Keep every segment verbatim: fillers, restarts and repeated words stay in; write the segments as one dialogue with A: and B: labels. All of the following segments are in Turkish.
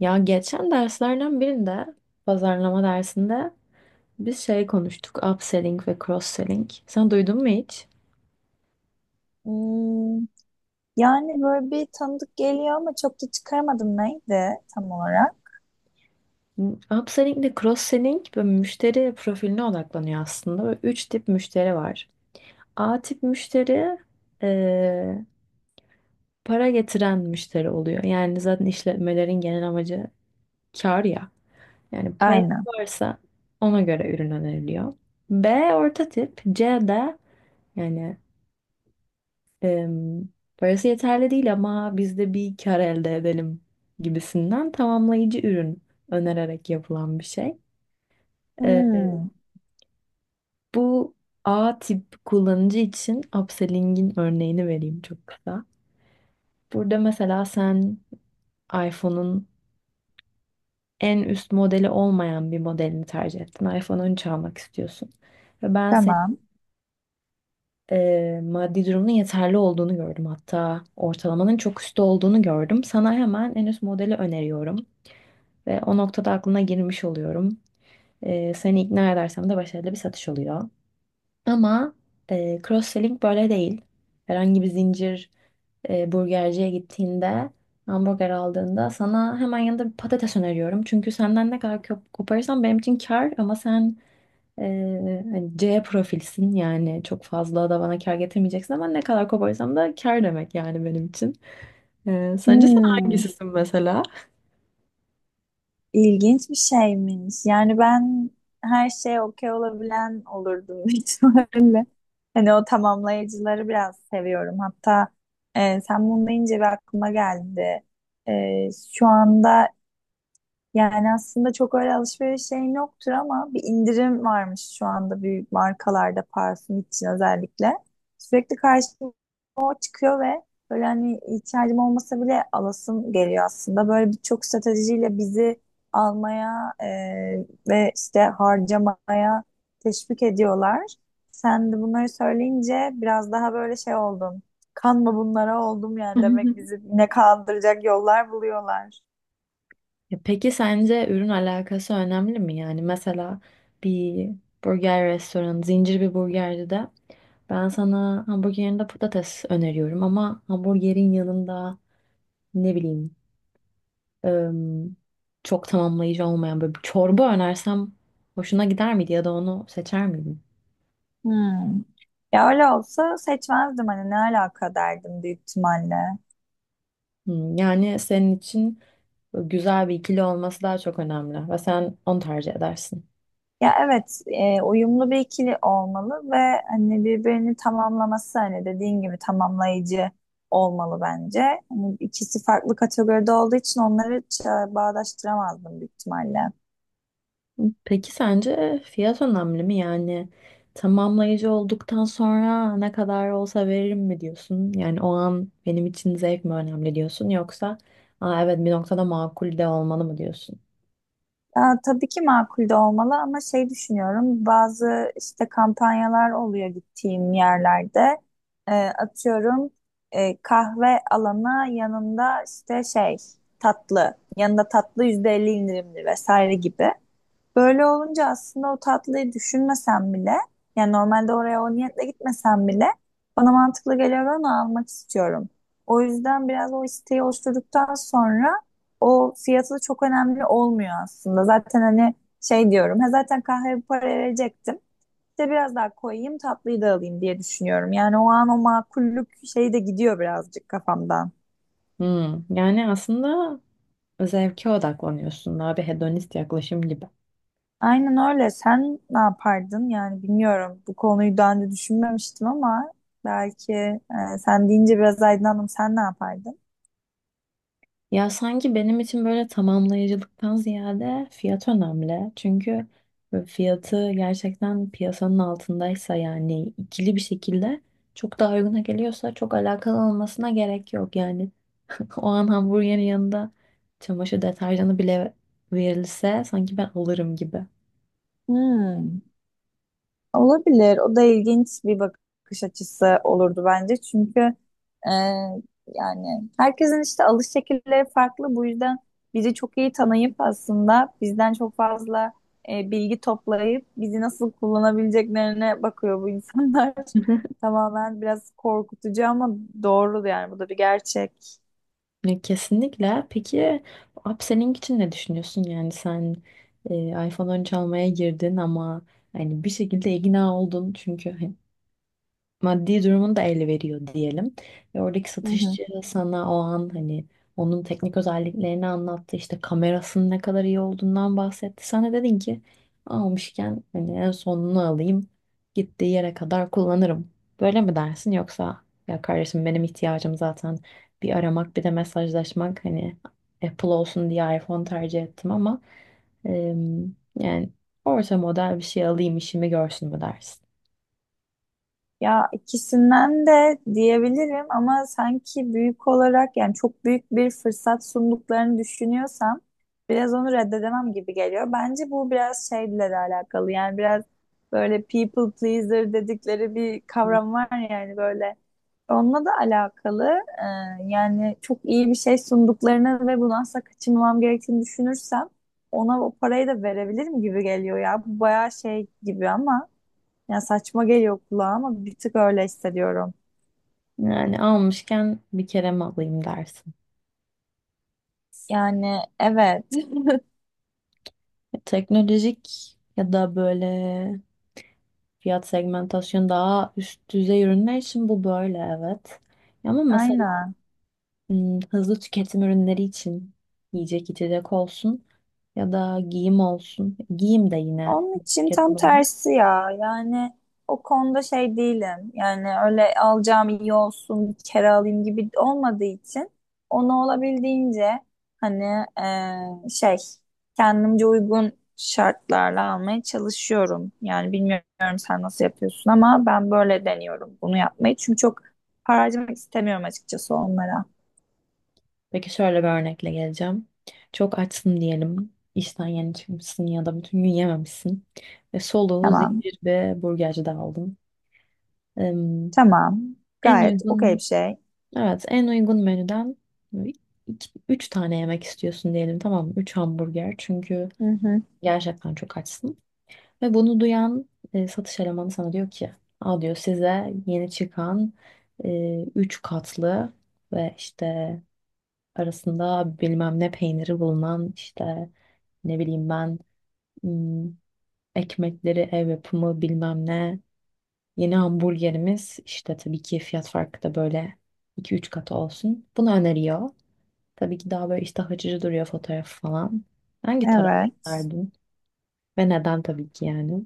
A: Ya geçen derslerden birinde, pazarlama dersinde biz şey konuştuk, upselling ve cross-selling. Sen duydun mu hiç?
B: Hmm, yani böyle bir tanıdık geliyor ama çok da çıkaramadım neydi tam olarak.
A: Hmm, Upselling ile cross-selling böyle müşteri profiline odaklanıyor aslında. Böyle üç tip müşteri var. A tip müşteri eee, para getiren müşteri oluyor. Yani zaten işletmelerin genel amacı kar ya. Yani para
B: Aynen.
A: varsa ona göre ürün öneriliyor. B orta tip, C de yani Em, parası yeterli değil ama biz de bir kar elde edelim gibisinden tamamlayıcı ürün önererek yapılan bir şey. E,
B: Hmm,
A: bu A tip kullanıcı için upselling'in örneğini vereyim çok kısa. Burada mesela sen iPhone'un en üst modeli olmayan bir modelini tercih ettin. iPhone on üç almak istiyorsun. Ve ben senin
B: tamam.
A: e, maddi durumunun yeterli olduğunu gördüm. Hatta ortalamanın çok üstte olduğunu gördüm. Sana hemen en üst modeli öneriyorum. Ve o noktada aklına girmiş oluyorum. E, seni ikna edersem de başarılı bir satış oluyor. Ama e, cross-selling böyle değil. Herhangi bir zincir e, burgerciye gittiğinde hamburger aldığında sana hemen yanında bir patates öneriyorum. Çünkü senden ne kadar kop- koparırsam benim için kar, ama sen e, hani C profilsin, yani çok fazla da bana kar getirmeyeceksin, ama ne kadar koparırsam da kar demek yani benim için. E, sence sen
B: Hmm,
A: hangisisin mesela?
B: ilginç bir şeymiş. Yani ben her şeye okey olabilen olurdum ihtimalle. Hani o tamamlayıcıları biraz seviyorum. Hatta e, sen bunu deyince bir aklıma geldi. E, şu anda Yani aslında çok öyle alışveriş şeyim yoktur ama bir indirim varmış şu anda büyük markalarda parfüm için özellikle. Sürekli karşıma o çıkıyor ve böyle hani ihtiyacım olmasa bile alasım geliyor aslında. Böyle birçok stratejiyle bizi almaya e, ve işte harcamaya teşvik ediyorlar. Sen de bunları söyleyince biraz daha böyle şey oldum. Kanma bunlara oldum yani demek bizi ne kandıracak yollar buluyorlar.
A: Ya peki sence ürün alakası önemli mi? Yani mesela bir burger restoranı, zincir bir burgerci de ben sana hamburgerin de patates öneriyorum ama hamburgerin yanında ne bileyim ım, çok tamamlayıcı olmayan böyle bir çorba önersem hoşuna gider miydi ya da onu seçer miydin?
B: Hmm. Ya öyle olsa seçmezdim, hani ne alaka derdim büyük ihtimalle.
A: Hmm, yani senin için güzel bir ikili olması daha çok önemli ve sen onu tercih edersin.
B: Ya evet, e, uyumlu bir ikili olmalı ve hani birbirini tamamlaması, hani dediğin gibi tamamlayıcı olmalı bence. Hani ikisi farklı kategoride olduğu için onları ça- bağdaştıramazdım büyük ihtimalle.
A: Peki sence fiyat önemli mi? Yani tamamlayıcı olduktan sonra ne kadar olsa veririm mi diyorsun? Yani o an benim için zevk mi önemli diyorsun, yoksa Aa, evet bir noktada makul de olmalı mı diyorsun?
B: Ya, tabii ki makul de olmalı ama şey düşünüyorum, bazı işte kampanyalar oluyor gittiğim yerlerde. Ee, atıyorum, e, kahve alana yanında işte şey, tatlı yanında tatlı yüzde elli indirimli vesaire gibi. Böyle olunca aslında o tatlıyı düşünmesem bile, yani normalde oraya o niyetle gitmesem bile bana mantıklı geliyor ve onu almak istiyorum. O yüzden biraz o isteği oluşturduktan sonra o fiyatı da çok önemli olmuyor aslında. Zaten hani şey diyorum, ha zaten kahveye bu paraya verecektim. İşte biraz daha koyayım, tatlıyı da alayım diye düşünüyorum. Yani o an o makullük şeyi de gidiyor birazcık kafamdan.
A: Hmm, Yani aslında zevke odaklanıyorsun, daha bir hedonist yaklaşım gibi.
B: Aynen öyle. Sen ne yapardın? Yani bilmiyorum. Bu konuyu daha önce düşünmemiştim ama belki e, sen deyince biraz aydınlandım. Sen ne yapardın?
A: Ya sanki benim için böyle tamamlayıcılıktan ziyade fiyat önemli. Çünkü böyle fiyatı gerçekten piyasanın altındaysa, yani ikili bir şekilde çok daha uyguna geliyorsa çok alakalı olmasına gerek yok. Yani o an hamburgerin yanında çamaşır deterjanı bile verilse sanki ben alırım gibi.
B: Hmm. Olabilir. O da ilginç bir bakış açısı olurdu bence. Çünkü e, yani herkesin işte alış şekilleri farklı. Bu yüzden bizi çok iyi tanıyıp aslında bizden çok fazla e, bilgi toplayıp bizi nasıl kullanabileceklerine bakıyor bu insanlar. Tamamen biraz korkutucu ama doğru, yani bu da bir gerçek.
A: Ya kesinlikle. Peki bu upselling için ne düşünüyorsun? Yani sen e, iPhone on üç almaya girdin ama hani bir şekilde ikna oldun çünkü maddi durumunu da ele veriyor diyelim. Ve oradaki
B: Hı hı.
A: satışçı sana o an hani onun teknik özelliklerini anlattı. İşte kamerasının ne kadar iyi olduğundan bahsetti. Sen de dedin ki almışken hani en sonunu alayım. Gittiği yere kadar kullanırım. Böyle mi dersin, yoksa ya kardeşim benim ihtiyacım zaten bir aramak bir de mesajlaşmak, hani Apple olsun diye iPhone tercih ettim ama em, yani orta model bir şey alayım işimi görsün mü dersin?
B: Ya ikisinden de diyebilirim ama sanki büyük olarak, yani çok büyük bir fırsat sunduklarını düşünüyorsam biraz onu reddedemem gibi geliyor. Bence bu biraz şeyle de alakalı, yani biraz böyle people pleaser dedikleri bir kavram var, yani böyle onunla da alakalı. Ee, yani çok iyi bir şey sunduklarını ve bunu asla kaçırmamam gerektiğini düşünürsem ona o parayı da verebilirim gibi geliyor ya. Bu bayağı şey gibi ama. Yani saçma geliyor kulağa ama bir tık öyle hissediyorum.
A: Yani almışken bir kere mi alayım dersin.
B: Yani evet.
A: E, Teknolojik ya da böyle fiyat segmentasyon daha üst düzey ürünler için bu böyle evet. Ama mesela
B: Aynen.
A: hmm, hızlı tüketim ürünleri için, yiyecek içecek olsun ya da giyim olsun. Giyim de yine
B: Onun için tam
A: tüketim ürünü.
B: tersi ya. Yani o konuda şey değilim. Yani öyle alacağım, iyi olsun, bir kere alayım gibi olmadığı için onu olabildiğince hani eee, şey, kendimce uygun şartlarla almaya çalışıyorum. Yani bilmiyorum sen nasıl yapıyorsun ama ben böyle deniyorum bunu yapmayı. Çünkü çok para harcamak istemiyorum açıkçası onlara.
A: Peki şöyle bir örnekle geleceğim. Çok açsın diyelim. İşten yeni çıkmışsın ya da bütün gün yememişsin. Ve soluğu
B: Tamam.
A: zincir ve burgercide aldın. Em,
B: Tamam.
A: en
B: Gayet okey bir
A: uygun
B: şey.
A: Evet, en uygun menüden iki, üç tane yemek istiyorsun diyelim, tamam mı? Üç hamburger, çünkü
B: Hı hı.
A: gerçekten çok açsın. Ve bunu duyan e, satış elemanı sana diyor ki, Aa, diyor, size yeni çıkan e, üç katlı ve işte arasında bilmem ne peyniri bulunan, işte ne bileyim ben hmm, ekmekleri ev yapımı bilmem ne yeni hamburgerimiz, işte tabii ki fiyat farkı da böyle iki üç katı olsun. Bunu öneriyor. Tabii ki daha böyle iştah açıcı duruyor, fotoğraf falan. Hangi tarafa
B: Evet.
A: giderdin? Ve neden tabii ki yani?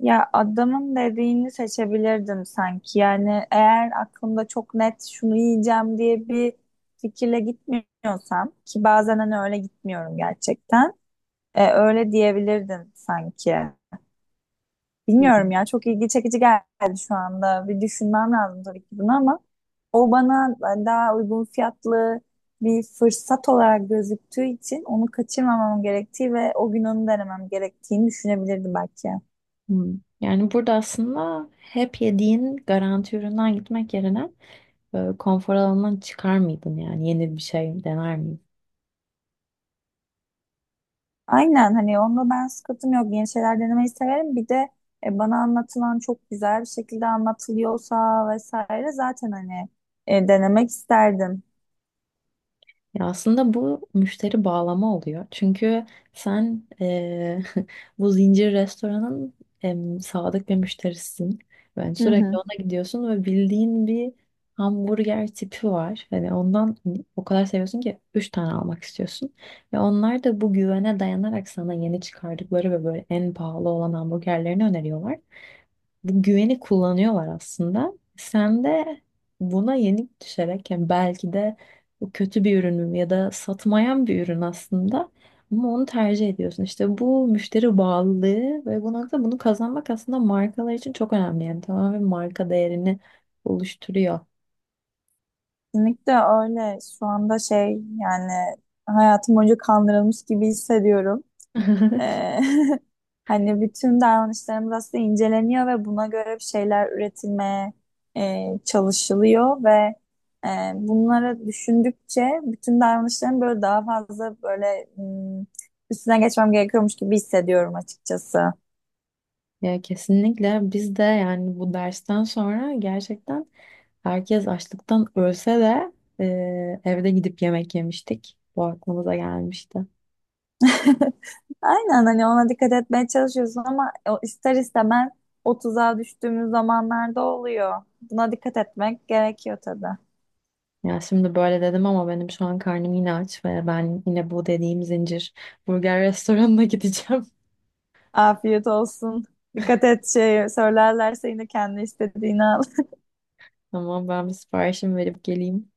B: Ya adamın dediğini seçebilirdim sanki. Yani eğer aklımda çok net şunu yiyeceğim diye bir fikirle gitmiyorsam, ki bazen hani öyle gitmiyorum gerçekten. E, öyle diyebilirdim sanki.
A: Hı.
B: Bilmiyorum ya, çok ilgi çekici geldi şu anda. Bir düşünmem lazım tabii ki bunu ama o bana daha uygun fiyatlı bir fırsat olarak gözüktüğü için onu kaçırmamam gerektiği ve o gün onu denemem gerektiğini düşünebilirdim belki.
A: Hmm. Yani burada aslında hep yediğin garanti üründen gitmek yerine e, konfor alanından çıkar mıydın yani? Yeni bir şey dener miydin?
B: Aynen, hani onda ben sıkıntım yok. Yeni şeyler denemeyi severim. Bir de e, bana anlatılan çok güzel bir şekilde anlatılıyorsa vesaire zaten hani e, denemek isterdim.
A: Ya aslında bu müşteri bağlama oluyor. Çünkü sen eee, bu zincir restoranın em, sadık bir müşterisin. Ben
B: Hı
A: sürekli
B: hı.
A: ona gidiyorsun ve bildiğin bir hamburger tipi var. Hani ondan o kadar seviyorsun ki üç tane almak istiyorsun. Ve onlar da bu güvene dayanarak sana yeni çıkardıkları ve böyle en pahalı olan hamburgerlerini öneriyorlar, bu güveni kullanıyorlar aslında. Sen de buna yenik düşerek, yani belki de bu kötü bir ürün ya da satmayan bir ürün aslında, ama onu tercih ediyorsun. İşte bu müşteri bağlılığı, ve bu nokta bunu kazanmak aslında markalar için çok önemli. Yani tamamen marka değerini oluşturuyor.
B: Kesinlikle öyle. Şu anda şey, yani hayatım boyunca kandırılmış gibi hissediyorum. Ee, Hani bütün davranışlarımız aslında inceleniyor ve buna göre bir şeyler üretilmeye e, çalışılıyor ve e, bunları düşündükçe bütün davranışlarım böyle daha fazla böyle hmm, üstüne geçmem gerekiyormuş gibi hissediyorum açıkçası.
A: Ya kesinlikle, biz de yani bu dersten sonra gerçekten herkes açlıktan ölse de e, evde gidip yemek yemiştik. Bu aklımıza gelmişti.
B: Aynen, hani ona dikkat etmeye çalışıyorsun ama o ister istemez o tuzağa düştüğümüz zamanlarda oluyor. Buna dikkat etmek gerekiyor tabii.
A: Ya şimdi böyle dedim ama benim şu an karnım yine aç, ve ben yine bu dediğim zincir burger restoranına gideceğim.
B: Afiyet olsun. Dikkat et, şey söylerlerse yine kendi istediğini al.
A: Ama ben bir siparişimi verip geleyim.